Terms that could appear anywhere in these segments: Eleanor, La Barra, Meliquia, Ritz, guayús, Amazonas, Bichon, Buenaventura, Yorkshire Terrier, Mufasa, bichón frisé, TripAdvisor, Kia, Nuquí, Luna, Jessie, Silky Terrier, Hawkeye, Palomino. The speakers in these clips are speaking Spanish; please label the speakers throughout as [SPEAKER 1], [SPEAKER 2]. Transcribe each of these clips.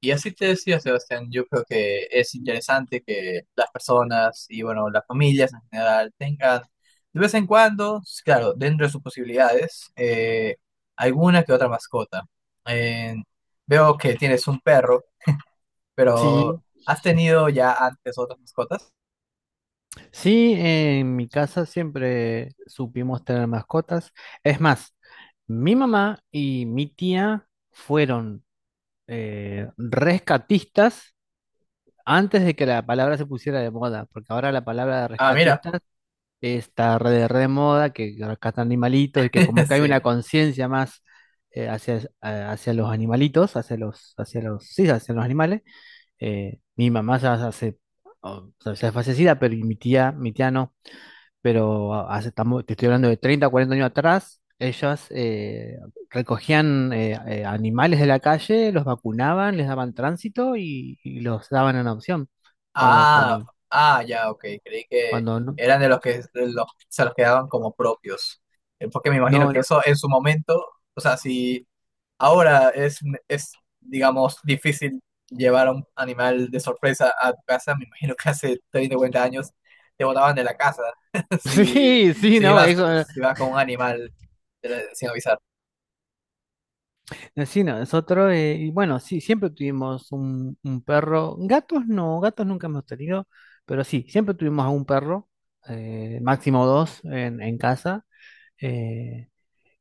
[SPEAKER 1] Y así te decía Sebastián, yo creo que es interesante que las personas y bueno, las familias en general tengan de vez en cuando, claro, dentro de sus posibilidades, alguna que otra mascota. Eh, veo que tienes un perro, pero
[SPEAKER 2] Sí,
[SPEAKER 1] ¿has tenido ya antes otras mascotas?
[SPEAKER 2] sí, en mi casa siempre supimos tener mascotas. Es más, mi mamá y mi tía fueron rescatistas antes de que la palabra se pusiera de moda, porque ahora la palabra de
[SPEAKER 1] Ah, mira,
[SPEAKER 2] rescatistas está re de moda, que rescatan animalitos y que como que hay
[SPEAKER 1] sí.
[SPEAKER 2] una conciencia más hacia los animalitos, sí, hacia los animales. Mi mamá ya hace, o sea, ya es fallecida, pero mi tía no. Pero te estoy hablando de 30, 40 años atrás. Ellas recogían animales de la calle, los vacunaban, les daban tránsito y los daban en adopción. Cuando,
[SPEAKER 1] Ah,
[SPEAKER 2] cuando,
[SPEAKER 1] ah, ya, ok, creí que
[SPEAKER 2] cuando no,
[SPEAKER 1] eran de los que de los, se los quedaban como propios. Porque me imagino
[SPEAKER 2] no,
[SPEAKER 1] que
[SPEAKER 2] no.
[SPEAKER 1] eso en su momento, o sea, si... ahora es, digamos, difícil llevar a un animal de sorpresa a tu casa. Me imagino que hace 30 o 40 años te botaban de la casa. si,
[SPEAKER 2] Sí, sí,
[SPEAKER 1] si
[SPEAKER 2] no,
[SPEAKER 1] ibas,
[SPEAKER 2] eso,
[SPEAKER 1] si ibas con un animal de sin avisar.
[SPEAKER 2] sí, no, nosotros, y bueno, sí, siempre tuvimos un perro. Gatos no, gatos nunca hemos tenido, pero sí, siempre tuvimos a un perro, máximo dos en casa. eh,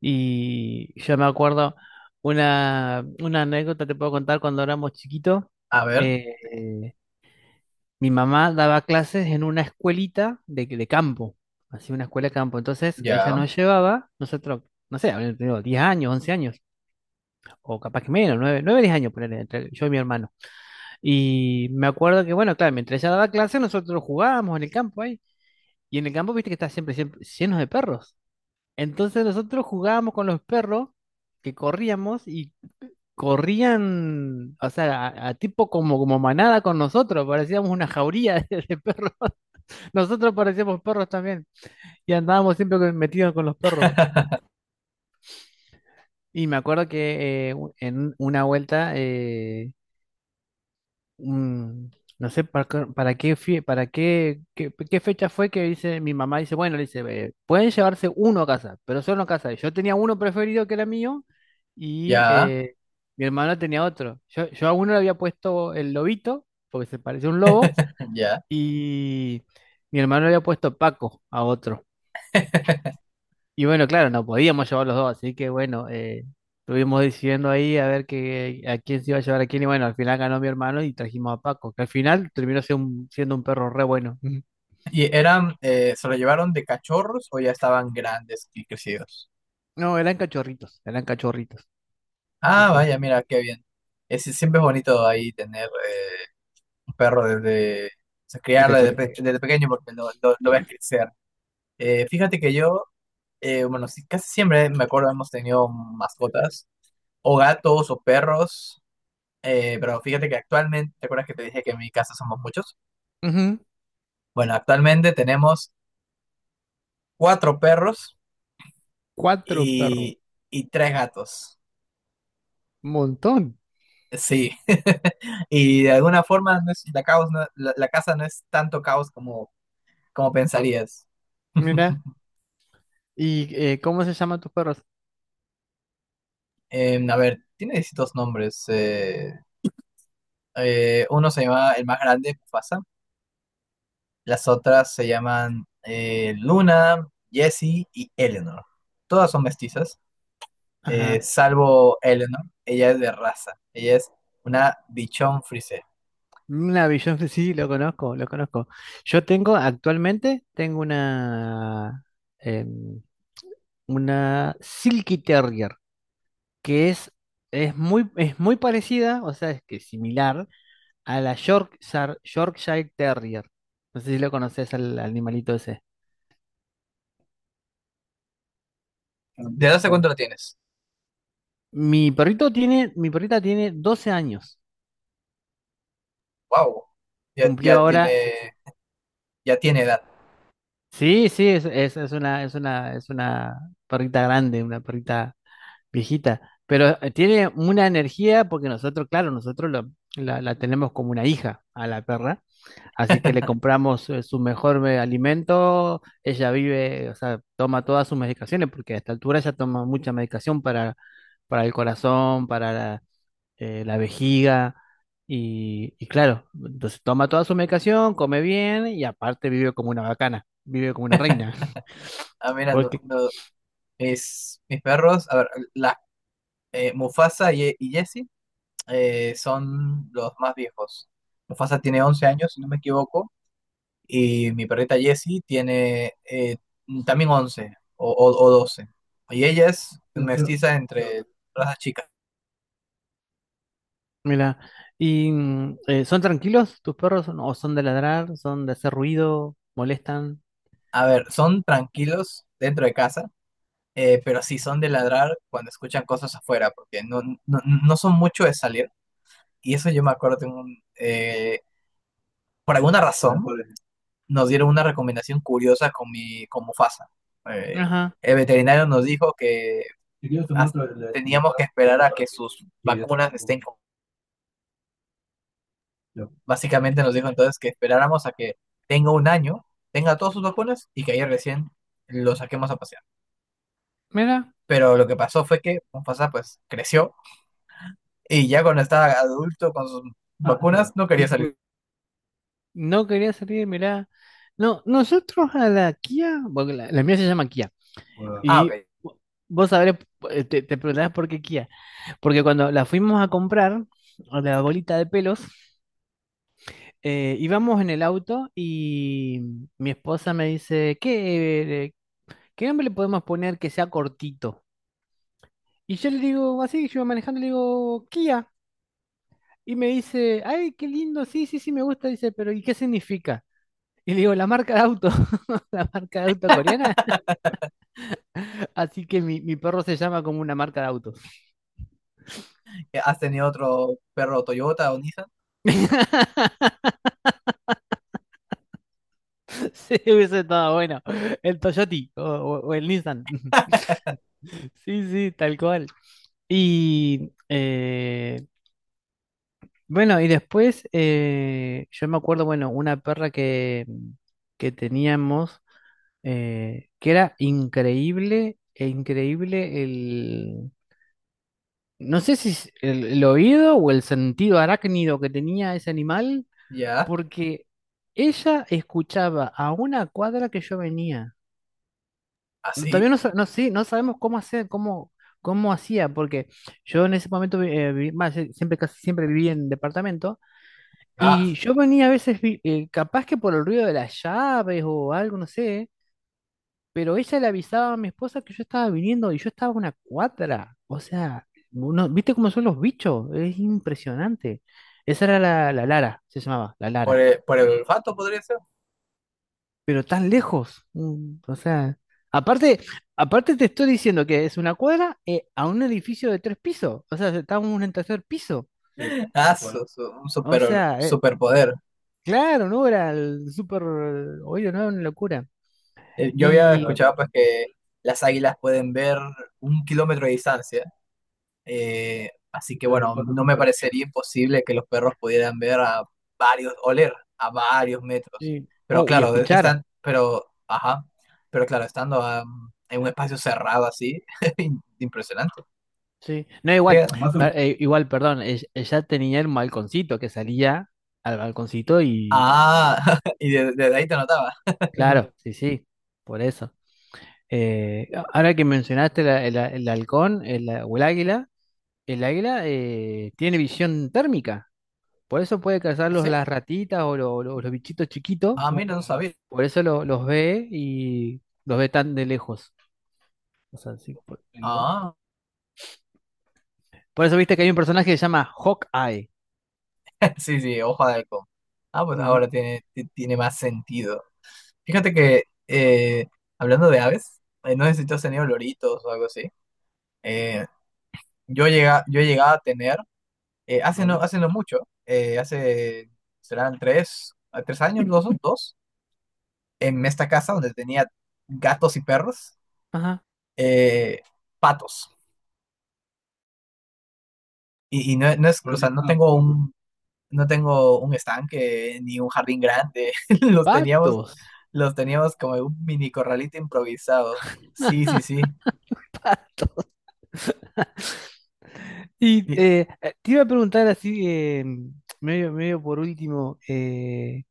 [SPEAKER 2] Y yo me acuerdo una anécdota te puedo contar cuando éramos chiquitos.
[SPEAKER 1] A ver,
[SPEAKER 2] eh, Mi mamá daba clases en una escuelita de campo, así una escuela de campo. Entonces ella
[SPEAKER 1] ya,
[SPEAKER 2] nos llevaba, nosotros, no sé, habíamos tenido 10 años, 11 años, o capaz que menos, 9 9 10 años, ponele, entre yo y mi hermano. Y me acuerdo que, bueno, claro, mientras ella daba clases, nosotros jugábamos en el campo ahí. Y en el campo, viste que está siempre, siempre lleno de perros. Entonces nosotros jugábamos con los perros, que corríamos y corrían, o sea, a tipo como manada con nosotros, parecíamos una jauría de perros. Nosotros parecíamos perros también y andábamos siempre metidos con los perros. Y me acuerdo que en una vuelta, mm, no sé para qué, fie- para qué, qué, qué fecha fue, que dice mi mamá, dice, bueno, le dice: pueden llevarse uno a casa, pero solo a casa". Y yo tenía uno preferido que era mío, y
[SPEAKER 1] ya,
[SPEAKER 2] mi hermano tenía otro. Yo a uno le había puesto el Lobito, porque se parece a un lobo,
[SPEAKER 1] ya.
[SPEAKER 2] y mi hermano le había puesto Paco a otro. Y bueno, claro, no podíamos llevar los dos, así que bueno, estuvimos decidiendo ahí a ver que, a quién se iba a llevar a quién. Y bueno, al final ganó mi hermano y trajimos a Paco, que al final terminó siendo un perro re bueno. Ujú.
[SPEAKER 1] ¿Y eran, se lo llevaron de cachorros o ya estaban grandes y crecidos?
[SPEAKER 2] No, eran cachorritos, eran cachorritos. Sí,
[SPEAKER 1] Ah,
[SPEAKER 2] sí,
[SPEAKER 1] vaya, mira, qué bien. Siempre es bonito ahí tener perro desde, o sea,
[SPEAKER 2] de
[SPEAKER 1] criarlo desde,
[SPEAKER 2] cachorritos.
[SPEAKER 1] pe- desde pequeño porque lo ves crecer. Fíjate que yo, bueno, sí, casi siempre me acuerdo hemos tenido mascotas, o gatos o perros, pero fíjate que actualmente, ¿te acuerdas que te dije que en mi casa somos muchos?
[SPEAKER 2] Ujú,
[SPEAKER 1] Bueno, actualmente tenemos cuatro perros
[SPEAKER 2] cuatro perros,
[SPEAKER 1] y, y tres gatos.
[SPEAKER 2] un montón.
[SPEAKER 1] Sí, y de alguna forma la casa no es tanto caos como pensarías.
[SPEAKER 2] Mira, ¿y cómo se llaman tus perros?
[SPEAKER 1] A ver, tiene distintos nombres. Uno se llama, el más grande, Mufasa. Las otras se llaman Luna, Jessie y Eleanor. Todas son mestizas,
[SPEAKER 2] Ajá.
[SPEAKER 1] salvo Eleanor. Ella es de raza. Ella es una bichón frisé.
[SPEAKER 2] Una Bichon, sí, lo conozco, lo conozco. Yo tengo, actualmente, tengo em, una Silky Terrier, que es muy parecida, o sea, es que similar a la Yorkshire Terrier. No sé si lo conoces al animalito ese.
[SPEAKER 1] ¿De edad hace cuánto lo tienes?
[SPEAKER 2] Mi perrita tiene 12 años.
[SPEAKER 1] Wow. Ya,
[SPEAKER 2] Cumplió
[SPEAKER 1] ya tiene,
[SPEAKER 2] ahora.
[SPEAKER 1] ya tiene edad.
[SPEAKER 2] Sí, sí, es una perrita grande, una perrita viejita. Pero tiene una energía, porque nosotros, claro, nosotros la tenemos como una hija a la perra. Así que le compramos su mejor alimento, ella vive, o sea, toma todas sus medicaciones, porque a esta altura ella toma mucha medicación para el corazón, para la vejiga, y claro, entonces toma toda su medicación, come bien, y aparte vive como una bacana, vive como una reina.
[SPEAKER 1] Ah, mira, no-
[SPEAKER 2] Porque,
[SPEAKER 1] no, mis perros, a ver, la, Mufasa y Jessie son los más viejos. Mufasa tiene 11 años, si no me equivoco, y mi perrita Jessie tiene también 11 o 12. Y ella es mestiza entre todas las chicas.
[SPEAKER 2] mira, y ¿son tranquilos tus perros o no? ¿O son de ladrar? ¿Son de hacer ruido? ¿Molestan?
[SPEAKER 1] A ver, son tranquilos dentro de casa, pero sí son de ladrar cuando escuchan cosas afuera, porque no, no, no son mucho de salir. Y eso yo me acuerdo de por alguna razón, nos dieron una recomendación curiosa con Mufasa. Eh,
[SPEAKER 2] Ajá,
[SPEAKER 1] el veterinario nos dijo que as- teníamos que esperar a que sus vacunas estén. Básicamente nos dijo entonces que esperáramos a que tenga un año, tenga todas sus vacunas y que ayer recién lo saquemos a pasear.
[SPEAKER 2] mira.
[SPEAKER 1] Pero lo que pasó fue que Mufasa pues creció y ya cuando estaba adulto con sus vacunas no quería salir.
[SPEAKER 2] No quería salir, mirá. No, nosotros a la Kia, porque la mía se llama Kia,
[SPEAKER 1] Ah, ok.
[SPEAKER 2] y vo- vos sabrás, te preguntarás por qué Kia. Porque cuando la fuimos a comprar, a la bolita de pelos, íbamos en el auto y mi esposa me dice: ¿qué nombre le podemos poner que sea cortito? Y yo le digo, así, yo manejando, le digo: Kia. Y me dice: ay, qué lindo, sí, sí, sí, me gusta, dice, pero ¿y qué significa? Y le digo: la marca de auto, la marca de auto coreana. Así que mi perro se llama como una marca de auto.
[SPEAKER 1] ¿Has tenido otro perro Toyota o Nissan?
[SPEAKER 2] Sí, hubiese estado bueno. El Toyoti o el Nissan. Sí, sí, tal cual. Y bueno, y después yo me acuerdo, bueno, una perra que teníamos, que era increíble, e increíble no sé si es el oído o el sentido arácnido que tenía ese animal,
[SPEAKER 1] Ya,
[SPEAKER 2] porque ella escuchaba a una cuadra que yo venía. No, todavía
[SPEAKER 1] así.
[SPEAKER 2] no, no, sí, no sabemos cómo hacer, cómo hacía, porque yo en ese momento más, siempre, casi siempre viví en departamento,
[SPEAKER 1] Ah,
[SPEAKER 2] y yo venía a veces, capaz que por el ruido de las llaves o algo, no sé. Pero ella le avisaba a mi esposa que yo estaba viniendo y yo estaba a una cuadra. O sea, ¿viste cómo son los bichos? Es impresionante. Esa era la Lara, se llamaba, la
[SPEAKER 1] por
[SPEAKER 2] Lara.
[SPEAKER 1] el, por el olfato podría ser.
[SPEAKER 2] Pero tan lejos. O sea, aparte, aparte te estoy diciendo que es una cuadra, a un edificio de 3 pisos. O sea, estábamos en el tercer piso.
[SPEAKER 1] Y ah, bueno, un
[SPEAKER 2] O sea,
[SPEAKER 1] superpoder.
[SPEAKER 2] claro, no era el súper. Oye, no era una locura.
[SPEAKER 1] Yo había
[SPEAKER 2] Y,
[SPEAKER 1] escuchado pues que las águilas pueden ver un kilómetro de distancia, así que bueno, no me parecería imposible que los perros pudieran ver a varios, oler a varios metros. Pero
[SPEAKER 2] oh, y a
[SPEAKER 1] claro,
[SPEAKER 2] escuchar.
[SPEAKER 1] ajá, pero claro, estando en un espacio cerrado así, impresionante.
[SPEAKER 2] Sí, no,
[SPEAKER 1] Eh,
[SPEAKER 2] igual,
[SPEAKER 1] Además,
[SPEAKER 2] perdón, ella tenía el balconcito, que salía al balconcito y,
[SPEAKER 1] Ah, y desde ahí te notaba.
[SPEAKER 2] claro, sí, sí, por eso. Ahora que mencionaste el halcón, o el águila tiene visión térmica, por eso puede cazar los,
[SPEAKER 1] ¿Sí?
[SPEAKER 2] las ratitas, o los bichitos chiquitos,
[SPEAKER 1] Ah, no, mira, no sabía.
[SPEAKER 2] por eso los ve, y los ve tan de lejos. O sea, sí, por,
[SPEAKER 1] entonces,
[SPEAKER 2] por eso viste que hay un personaje que se llama Hawkeye.
[SPEAKER 1] Sí, sí, hoja de halcón. Ah, pues
[SPEAKER 2] Ujú.
[SPEAKER 1] ahora tiene más sentido. Fíjate que, hablando de aves, no sé si tú has tenido loritos o algo así. Eh, yo llegaba a tener, hace no, vale. Hace no mucho, hace, serán tres, a 3 años, dos, en esta casa donde tenía gatos y perros,
[SPEAKER 2] Ajá.
[SPEAKER 1] eh, patos. Y no, o sea, no tengo un estanque ni un jardín grande. Los teníamos
[SPEAKER 2] Patos.
[SPEAKER 1] Los teníamos como en un mini corralito improvisado. Sí, sí, sí.
[SPEAKER 2] Y
[SPEAKER 1] Fí-
[SPEAKER 2] te iba a preguntar así, medio, medio por último,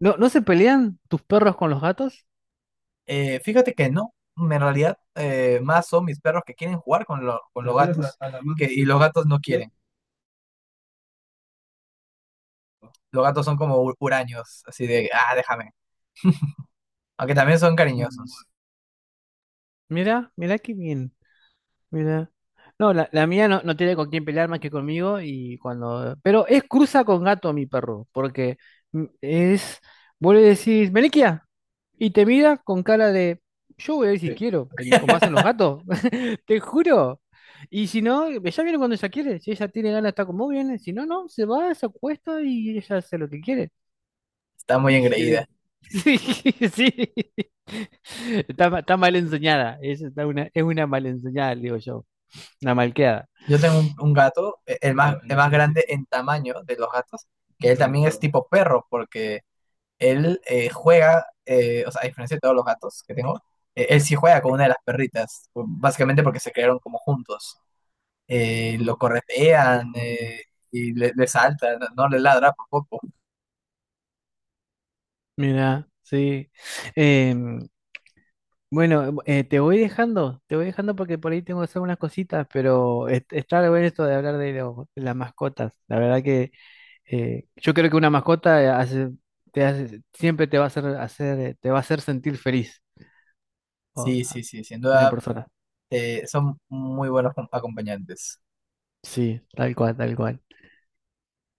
[SPEAKER 2] ¿no se pelean tus perros con los gatos?
[SPEAKER 1] fíjate que no. En realidad, más son mis perros que quieren jugar con los gatos. Y los gatos no quieren. Los gatos son como huraños, así de, ah, déjame. Aunque también son cariñosos.
[SPEAKER 2] Mira, mira qué bien. Mira. No, la mía no tiene con quién pelear más que conmigo, y cuando. Pero es cruza con gato mi perro, porque es. Vos le decís, Meliquia, y te mira con cara de, yo voy a ver si
[SPEAKER 1] Sí,
[SPEAKER 2] quiero, como hacen los gatos, te juro. Y si no, ella viene cuando ella quiere, si ella tiene ganas de estar con vos, viene, si no, no, se va, se acuesta y ella hace lo que quiere.
[SPEAKER 1] está muy
[SPEAKER 2] Y si
[SPEAKER 1] engreída.
[SPEAKER 2] quiere. Sí, sí. Está mal enseñada, es una mal enseñada, digo yo, una malcriada.
[SPEAKER 1] Yo tengo un gato, el más, ah, el no, más sí, sí, grande en tamaño de los gatos, que él también es tipo perro, porque él juega, o sea, a diferencia de todos los gatos que tengo, él sí juega con una de las perritas, básicamente porque se crearon como juntos. Lo corretean y le saltan, no le ladra por poco.
[SPEAKER 2] Mira, sí. Em, bueno, te voy dejando porque por ahí tengo que hacer unas cositas, pero está bueno esto de hablar de las mascotas. La verdad que yo creo que una mascota siempre te va a hacer sentir feliz, o
[SPEAKER 1] Sí,
[SPEAKER 2] a
[SPEAKER 1] sí, sí, sin
[SPEAKER 2] a una
[SPEAKER 1] duda
[SPEAKER 2] persona.
[SPEAKER 1] son muy buenos acompañantes.
[SPEAKER 2] Sí, tal cual, tal cual.